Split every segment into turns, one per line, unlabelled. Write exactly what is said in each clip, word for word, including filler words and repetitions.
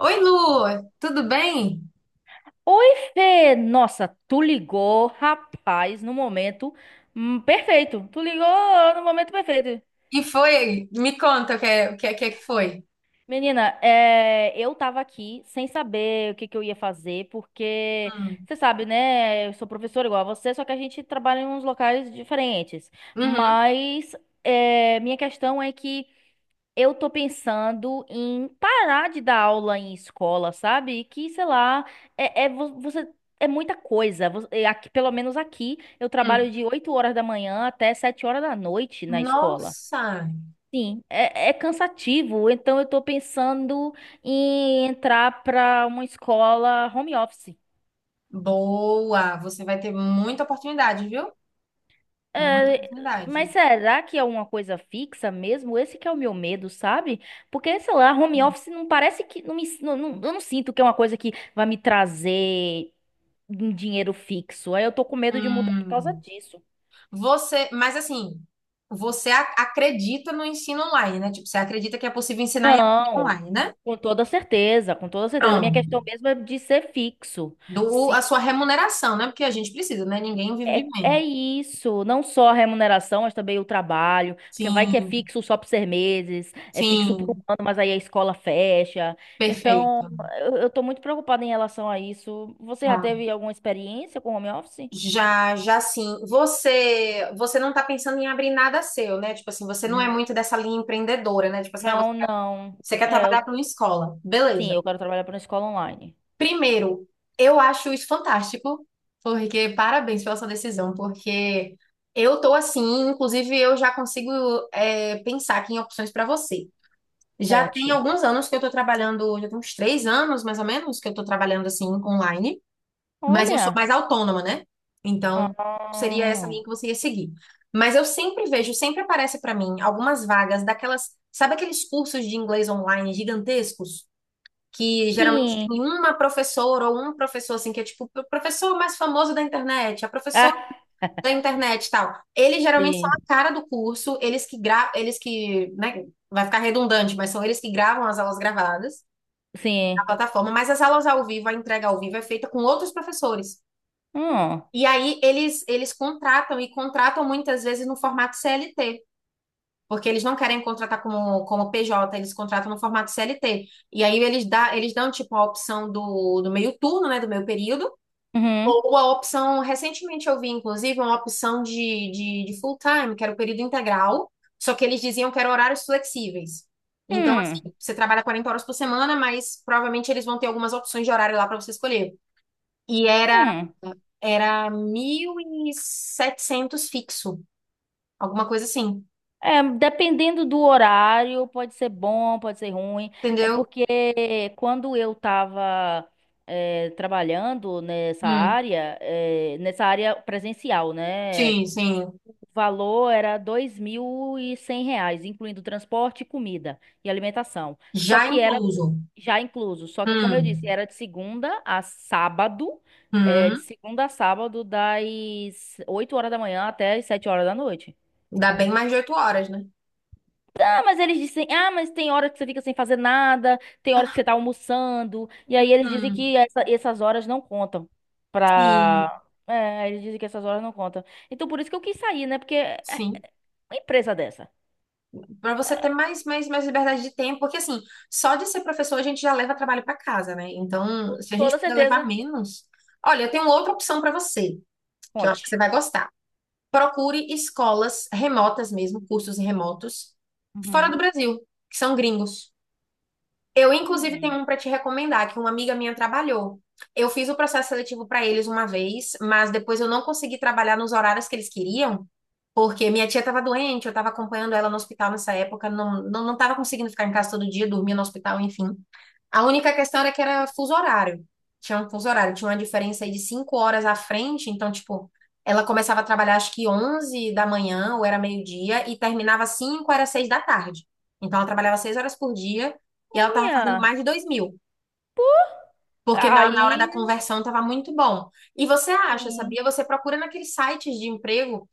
Oi, Lu, tudo bem?
Oi, Fê! Nossa, tu ligou, rapaz, no momento hum, perfeito. Tu ligou no momento perfeito.
E foi? Me conta o que é, o que é, o que é que foi.
Menina, é, eu tava aqui sem saber o que que eu ia fazer, porque
Hum.
você sabe, né? Eu sou professora igual a você, só que a gente trabalha em uns locais diferentes.
Uhum.
Mas é, minha questão é que. Eu tô pensando em parar de dar aula em escola, sabe? Que, sei lá, é, é vo- você é muita coisa. Vo- é Aqui, pelo menos aqui, eu
Hum.
trabalho de oito horas da manhã até sete horas da noite na escola.
Nossa,
Sim, é, é cansativo. Então eu tô pensando em entrar pra uma escola home office.
boa! Você vai ter muita oportunidade, viu? Muita
É,
oportunidade.
mas será que é uma coisa fixa mesmo? Esse que é o meu medo, sabe? Porque, sei lá, home office não parece que. Não me, não, não- Eu não sinto que é uma coisa que vai me trazer um dinheiro fixo. Aí eu tô com medo de mudar por causa
Hum.
disso.
Você, mas assim, você a- acredita no ensino online, né? Tipo, você acredita que é possível ensinar e aprender
Não,
online, né?
com toda certeza, com toda certeza. Minha
Pronto.
questão mesmo é de ser fixo.
Do, a
Se
sua remuneração, né? Porque a gente precisa, né? Ninguém vive de
É,
menos.
é isso, não só a remuneração, mas também o trabalho, porque vai que é
Sim,
fixo só por seis meses, é fixo por um
sim,
ano, mas aí a escola fecha. Então,
perfeito.
eu, eu tô muito preocupada em relação a isso. Você já
Tá.
teve alguma experiência com home office?
Já, já sim. Você, você não está pensando em abrir nada seu, né? Tipo assim, você não é
Hum,
muito dessa linha empreendedora, né? Tipo assim, ah, você,
Não, não.
você quer
É,
trabalhar
eu-
para uma escola.
sim,
Beleza.
eu quero trabalhar para uma escola online.
Primeiro, eu acho isso fantástico, porque parabéns pela sua decisão, porque eu tô assim, inclusive eu já consigo é, pensar aqui em opções para você. Já tem
Conte.
alguns anos que eu tô trabalhando, já tem uns três anos mais ou menos que eu tô trabalhando assim online. Mas eu sou
Olha.
mais autônoma, né? Então, seria essa
Ah,
linha que você ia seguir. Mas eu sempre vejo, sempre aparece para mim algumas vagas daquelas, sabe aqueles cursos de inglês online gigantescos? Que geralmente
sim.
tem uma professora ou um professor, assim, que é tipo o professor mais famoso da internet, a professora
Ah,
da internet e tal. Eles geralmente são a
sim,
cara do curso, eles que gra... eles que, né, vai ficar redundante, mas são eles que gravam as aulas gravadas na
sim.
plataforma, mas as aulas ao vivo, a entrega ao vivo é feita com outros professores.
Hum,
E aí eles, eles contratam e contratam muitas vezes no formato C L T, porque eles não querem contratar como, como P J, eles contratam no formato C L T. E aí eles, dá, eles dão tipo a opção do, do meio turno, né, do meio período,
uhum,
ou a opção, recentemente eu vi inclusive uma opção de, de, de full time, que era o período integral, só que eles diziam que eram horários flexíveis. Então,
hum,
assim, você trabalha quarenta horas por semana, mas provavelmente eles vão ter algumas opções de horário lá para você escolher. E era
hum.
era mil e setecentos fixo, alguma coisa assim,
É, dependendo do horário, pode ser bom, pode ser ruim. É
entendeu?
porque quando eu estava trabalhando nessa
Hum,
área, eh, nessa área presencial, né?
sim, sim.
O valor era dois mil e cem reais, incluindo transporte, comida e alimentação. Só
Já
que era
incluso.
já incluso. Só que, como eu disse,
Hum,
era de segunda a sábado. Eh, de
hum.
segunda a sábado, das oito horas da manhã até as sete horas da noite.
Dá bem mais de oito horas, né?
Ah, mas eles dizem, ah, mas tem hora que você fica sem fazer nada, tem hora que você tá almoçando, e aí eles dizem
Hum,
que essa- essas horas não contam
sim,
pra... É, eles dizem que essas horas não contam. Então por isso que eu quis sair, né? Porque é
sim.
uma empresa dessa.
Para você ter mais, mais, mais liberdade de tempo, porque assim, só de ser professor a gente já leva trabalho para casa, né? Então, se a gente
Toda
puder levar
certeza,
menos. Olha, eu tenho outra opção para você, que eu acho que você
conte.
vai gostar. Procure escolas remotas mesmo, cursos remotos, fora do
Uhum.
Brasil, que são gringos. Eu, inclusive, tenho
Hum.
um para te recomendar, que uma amiga minha trabalhou. Eu fiz o processo seletivo para eles uma vez, mas depois eu não consegui trabalhar nos horários que eles queriam, porque minha tia estava doente, eu estava acompanhando ela no hospital nessa época, não, não, não estava conseguindo ficar em casa todo dia, dormia no hospital, enfim. A única questão era que era fuso horário. Tinha um fuso horário, tinha uma diferença aí de cinco horas à frente, então, tipo, ela começava a trabalhar acho que onze da manhã, ou era meio-dia, e terminava cinco era seis da tarde. Então, ela trabalhava seis horas por dia, e ela tava fazendo mais
Olha,
de dois mil, porque na, na hora
aí,
da conversão tava muito bom. E você acha,
sim,
sabia? Você procura naqueles sites de emprego,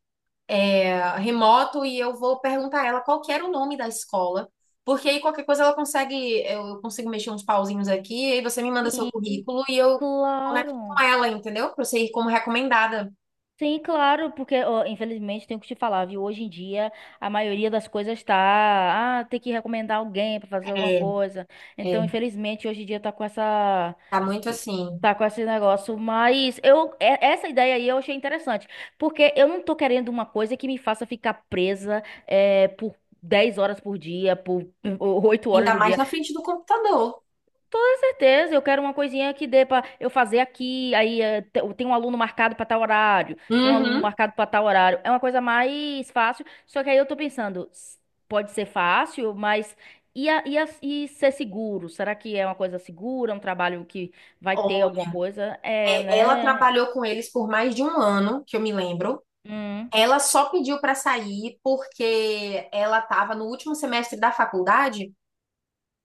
remoto e eu vou perguntar a ela qual que era o nome da escola, porque aí qualquer coisa ela consegue, eu consigo mexer uns pauzinhos aqui, aí você me manda seu
sim,
currículo e eu conecto
claro.
com ela, entendeu? Pra você ir como recomendada.
Sim, claro, porque ó, infelizmente tenho que te falar, viu? Hoje em dia a maioria das coisas tá, ah, tem que recomendar alguém pra fazer alguma
É,
coisa. Então,
é,
infelizmente hoje em dia tá com essa
tá muito
tá
assim,
tá com esse negócio, mas eu é- essa ideia aí eu achei interessante, porque eu não tô querendo uma coisa que me faça ficar presa é, por dez horas por dia, por oito horas
ainda
por
mais
dia.
na frente do computador.
Toda certeza, eu quero uma coisinha que dê pra eu fazer aqui, aí eh, te- tem um aluno marcado pra tal horário, tem um aluno
Uhum.
marcado pra tal horário. É uma coisa mais fácil, só que aí eu tô pensando, s- pode ser fácil, mas e, a- e, a- e ser seguro? Será que é uma coisa segura, um trabalho que vai ter alguma
Olha,
coisa? É,
é, ela
né?
trabalhou com eles por mais de um ano, que eu me lembro.
Hum.
Ela só pediu para sair porque ela estava no último semestre da faculdade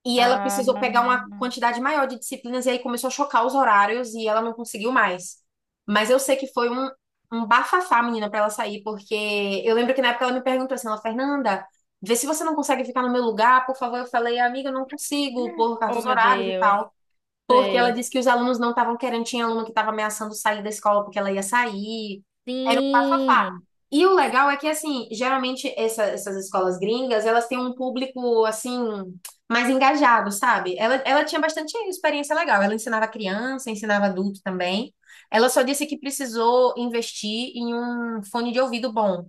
e ela
Ah.
precisou pegar uma quantidade maior de disciplinas e aí começou a chocar os horários e ela não conseguiu mais. Mas eu sei que foi um, um bafafá, menina, pra ela sair, porque eu lembro que na época ela me perguntou assim, ela, Fernanda, vê se você não consegue ficar no meu lugar, por favor. Eu falei, amiga, eu não consigo, por causa
Oh,
dos
meu
horários e
Deus.
tal. Porque ela
Sei.
disse que os alunos não estavam querendo, tinha aluno que estava ameaçando sair da escola porque ela ia sair. Era um bafafá.
Sim.
E o legal é que, assim, geralmente essa- essas escolas gringas, elas têm um público, assim, mais engajado, sabe? Ela, ela tinha bastante experiência legal. Ela ensinava criança, ensinava adulto também. Ela só disse que precisou investir em um fone de ouvido bom,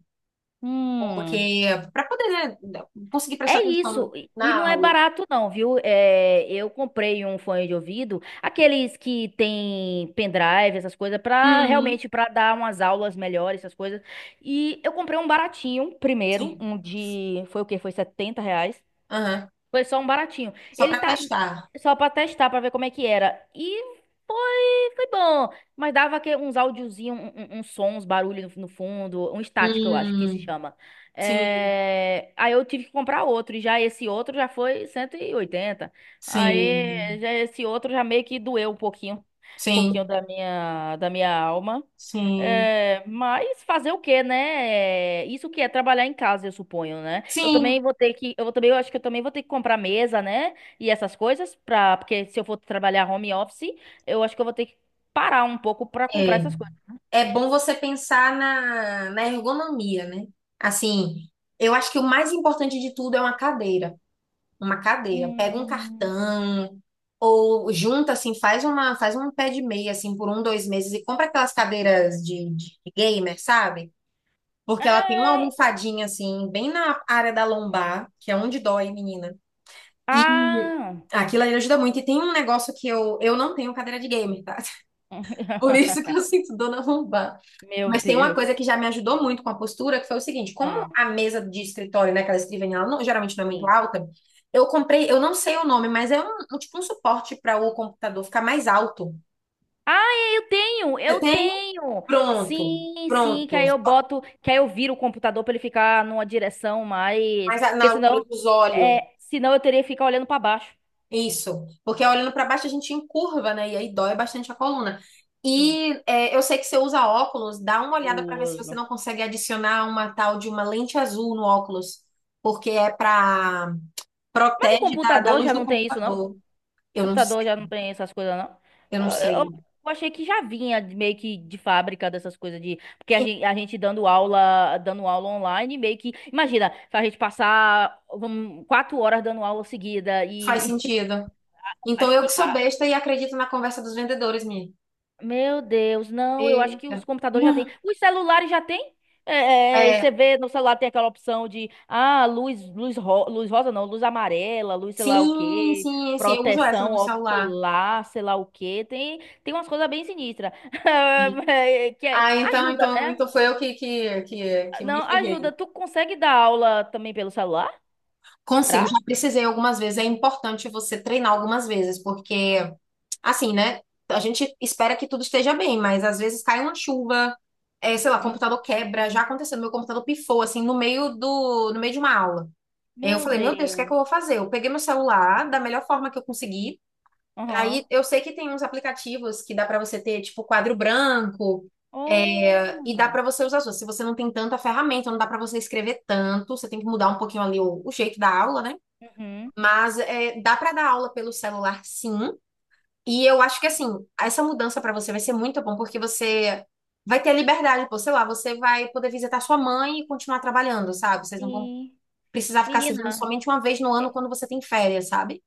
Hum.
porque para poder, né, conseguir prestar
É
atenção
isso, e e
na
não é
aula.
barato não, viu? É, eu comprei um fone de ouvido, aqueles que tem pendrive, essas coisas, pra
Uhum.
realmente para dar umas aulas melhores, essas coisas. E eu comprei um baratinho primeiro,
Sim.
um de, foi o quê? Foi setenta reais.
Aham.
Foi só um baratinho.
Só
Ele
para
tá
testar.
só pra testar, pra ver como é que era. E foi, foi bom. Mas dava que uns áudiozinhos, um, um, uns sons, uns barulhos no fundo, um estático, eu acho que se
Hum,
chama.
sim,
É, aí eu tive que comprar outro, e já esse outro já foi cento e oitenta. Aí
sim,
já esse outro já meio que doeu um pouquinho, um pouquinho
sim,
da minha, da minha alma.
sim,
É, mas fazer o quê, né? É, isso que é trabalhar em casa, eu suponho, né? Eu
sim,
também vou ter que, eu também, eu acho que eu também vou ter que comprar mesa, né? E essas coisas para porque se eu for trabalhar home office, eu acho que eu vou ter que parar um pouco para comprar
é.
essas coisas.
É bom você pensar na, na ergonomia, né? Assim, eu acho que o mais importante de tudo é uma cadeira. Uma cadeira. Pega um
Hum,
cartão ou junta, assim, faz uma, faz um pé de meia, assim, por um, dois meses e compra aquelas cadeiras de, de gamer, sabe? Porque ela tem uma
é,
almofadinha, assim, bem na área da lombar, que é onde dói, menina.
ah,
Aquilo ali ajuda muito. E tem um negócio que eu, eu não tenho cadeira de gamer, tá? Por isso que eu sinto dor na lombar.
meu
Mas tem uma coisa
Deus.
que já me ajudou muito com a postura, que foi o seguinte: como
Ah,
a mesa de escritório, né, aquela escrivaninha, ela não- geralmente não é muito
sim.
alta, eu comprei, eu não sei o nome, mas é um, um tipo um suporte para o computador ficar mais alto.
Ah, eu tenho,
Você
eu
tem?
tenho.
Pronto,
Sim, sim, que
pronto.
aí eu boto, que aí eu viro o computador pra ele ficar numa direção mais,
Mas a- na
porque
altura
senão,
dos olhos.
é, senão eu teria que ficar olhando pra baixo.
Isso, porque olhando para baixo a gente encurva, né? E aí dói bastante a coluna.
Sim,
E é, eu sei que você usa óculos, dá uma olhada para ver se você
os-
não consegue adicionar uma tal de uma lente azul no óculos, porque é para
mas o
protege da, da
computador
luz
já
do
não tem isso, não?
computador.
O
Eu não sei,
computador já não tem essas coisas, não?
eu
Eu,
não
eu-
sei.
eu achei que já vinha de- meio que de fábrica dessas coisas de, porque a gente, a gente dando aula, dando aula online, meio que, imagina, a gente passar, vamos, quatro horas dando aula seguida
Faz
e
sentido. Então
acho
eu que
que
sou
a-
besta e acredito na conversa dos vendedores, minha.
Meu Deus, não, eu acho que os
Eita.
computadores já têm. Os celulares já têm? É, é, é,
É,
você vê no celular tem aquela opção de, ah, luz, luz, ro- luz rosa não, luz amarela, luz sei lá o
sim,
quê,
sim, sim, eu uso essa no
proteção
meu celular.
ocular, sei lá o quê. Tem, tem umas coisas bem sinistras.
Sim.
É, Que é-
Ah, então,
ajuda,
então,
né?
então foi eu que, que, que, que me
Não, ajuda.
ferrei.
Tu consegue dar aula também pelo celular?
Consigo,
Será?
já precisei algumas vezes. É importante você treinar algumas vezes, porque, assim, né? A gente espera que tudo esteja bem, mas às vezes cai uma chuva, é, sei lá,
Hum,
computador quebra. Já aconteceu, meu computador pifou, assim, no meio do, no meio de uma aula. Eu
meu
falei, meu Deus, o que é que eu vou
Deus.
fazer? Eu peguei meu celular da melhor forma que eu consegui.
Aham.
Aí eu sei que tem uns aplicativos que dá pra você ter, tipo, quadro branco, é, e dá
Oh.
pra você usar as suas. Se você não tem tanta ferramenta, não dá pra você escrever tanto, você tem que mudar um pouquinho ali o o jeito da aula, né?
Uhum.
Mas é, dá para dar aula pelo celular, sim. E eu acho que assim, essa mudança para você vai ser muito bom, porque você vai ter liberdade, pô, sei lá, você vai poder visitar sua mãe e continuar trabalhando, sabe? Vocês não vão
Sim.
precisar ficar se vendo
Menina.
somente uma vez no ano quando você tem férias, sabe?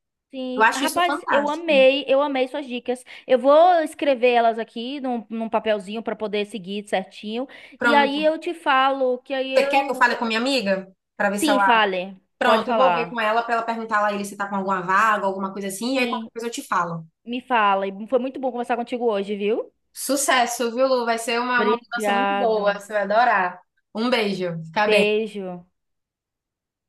Eu
Sim,
acho isso
rapaz, eu
fantástico.
amei, eu amei suas dicas. Eu vou escrever elas aqui num, num papelzinho para poder seguir certinho. E aí
Pronto.
eu te falo que aí
Você quer que eu
eu.
fale com minha amiga? Pra ver se
Sim,
ela.
fale. Pode
Pronto, eu vou ver com
falar.
ela pra ela perguntar lá ele se tá com alguma vaga, alguma coisa assim, e aí qualquer
Sim,
coisa eu te falo.
me fala. E foi muito bom conversar contigo hoje, viu?
Sucesso, viu, Lu? Vai ser uma, uma mudança muito boa,
Obrigado.
você vai adorar. Um beijo, fica bem.
Beijo.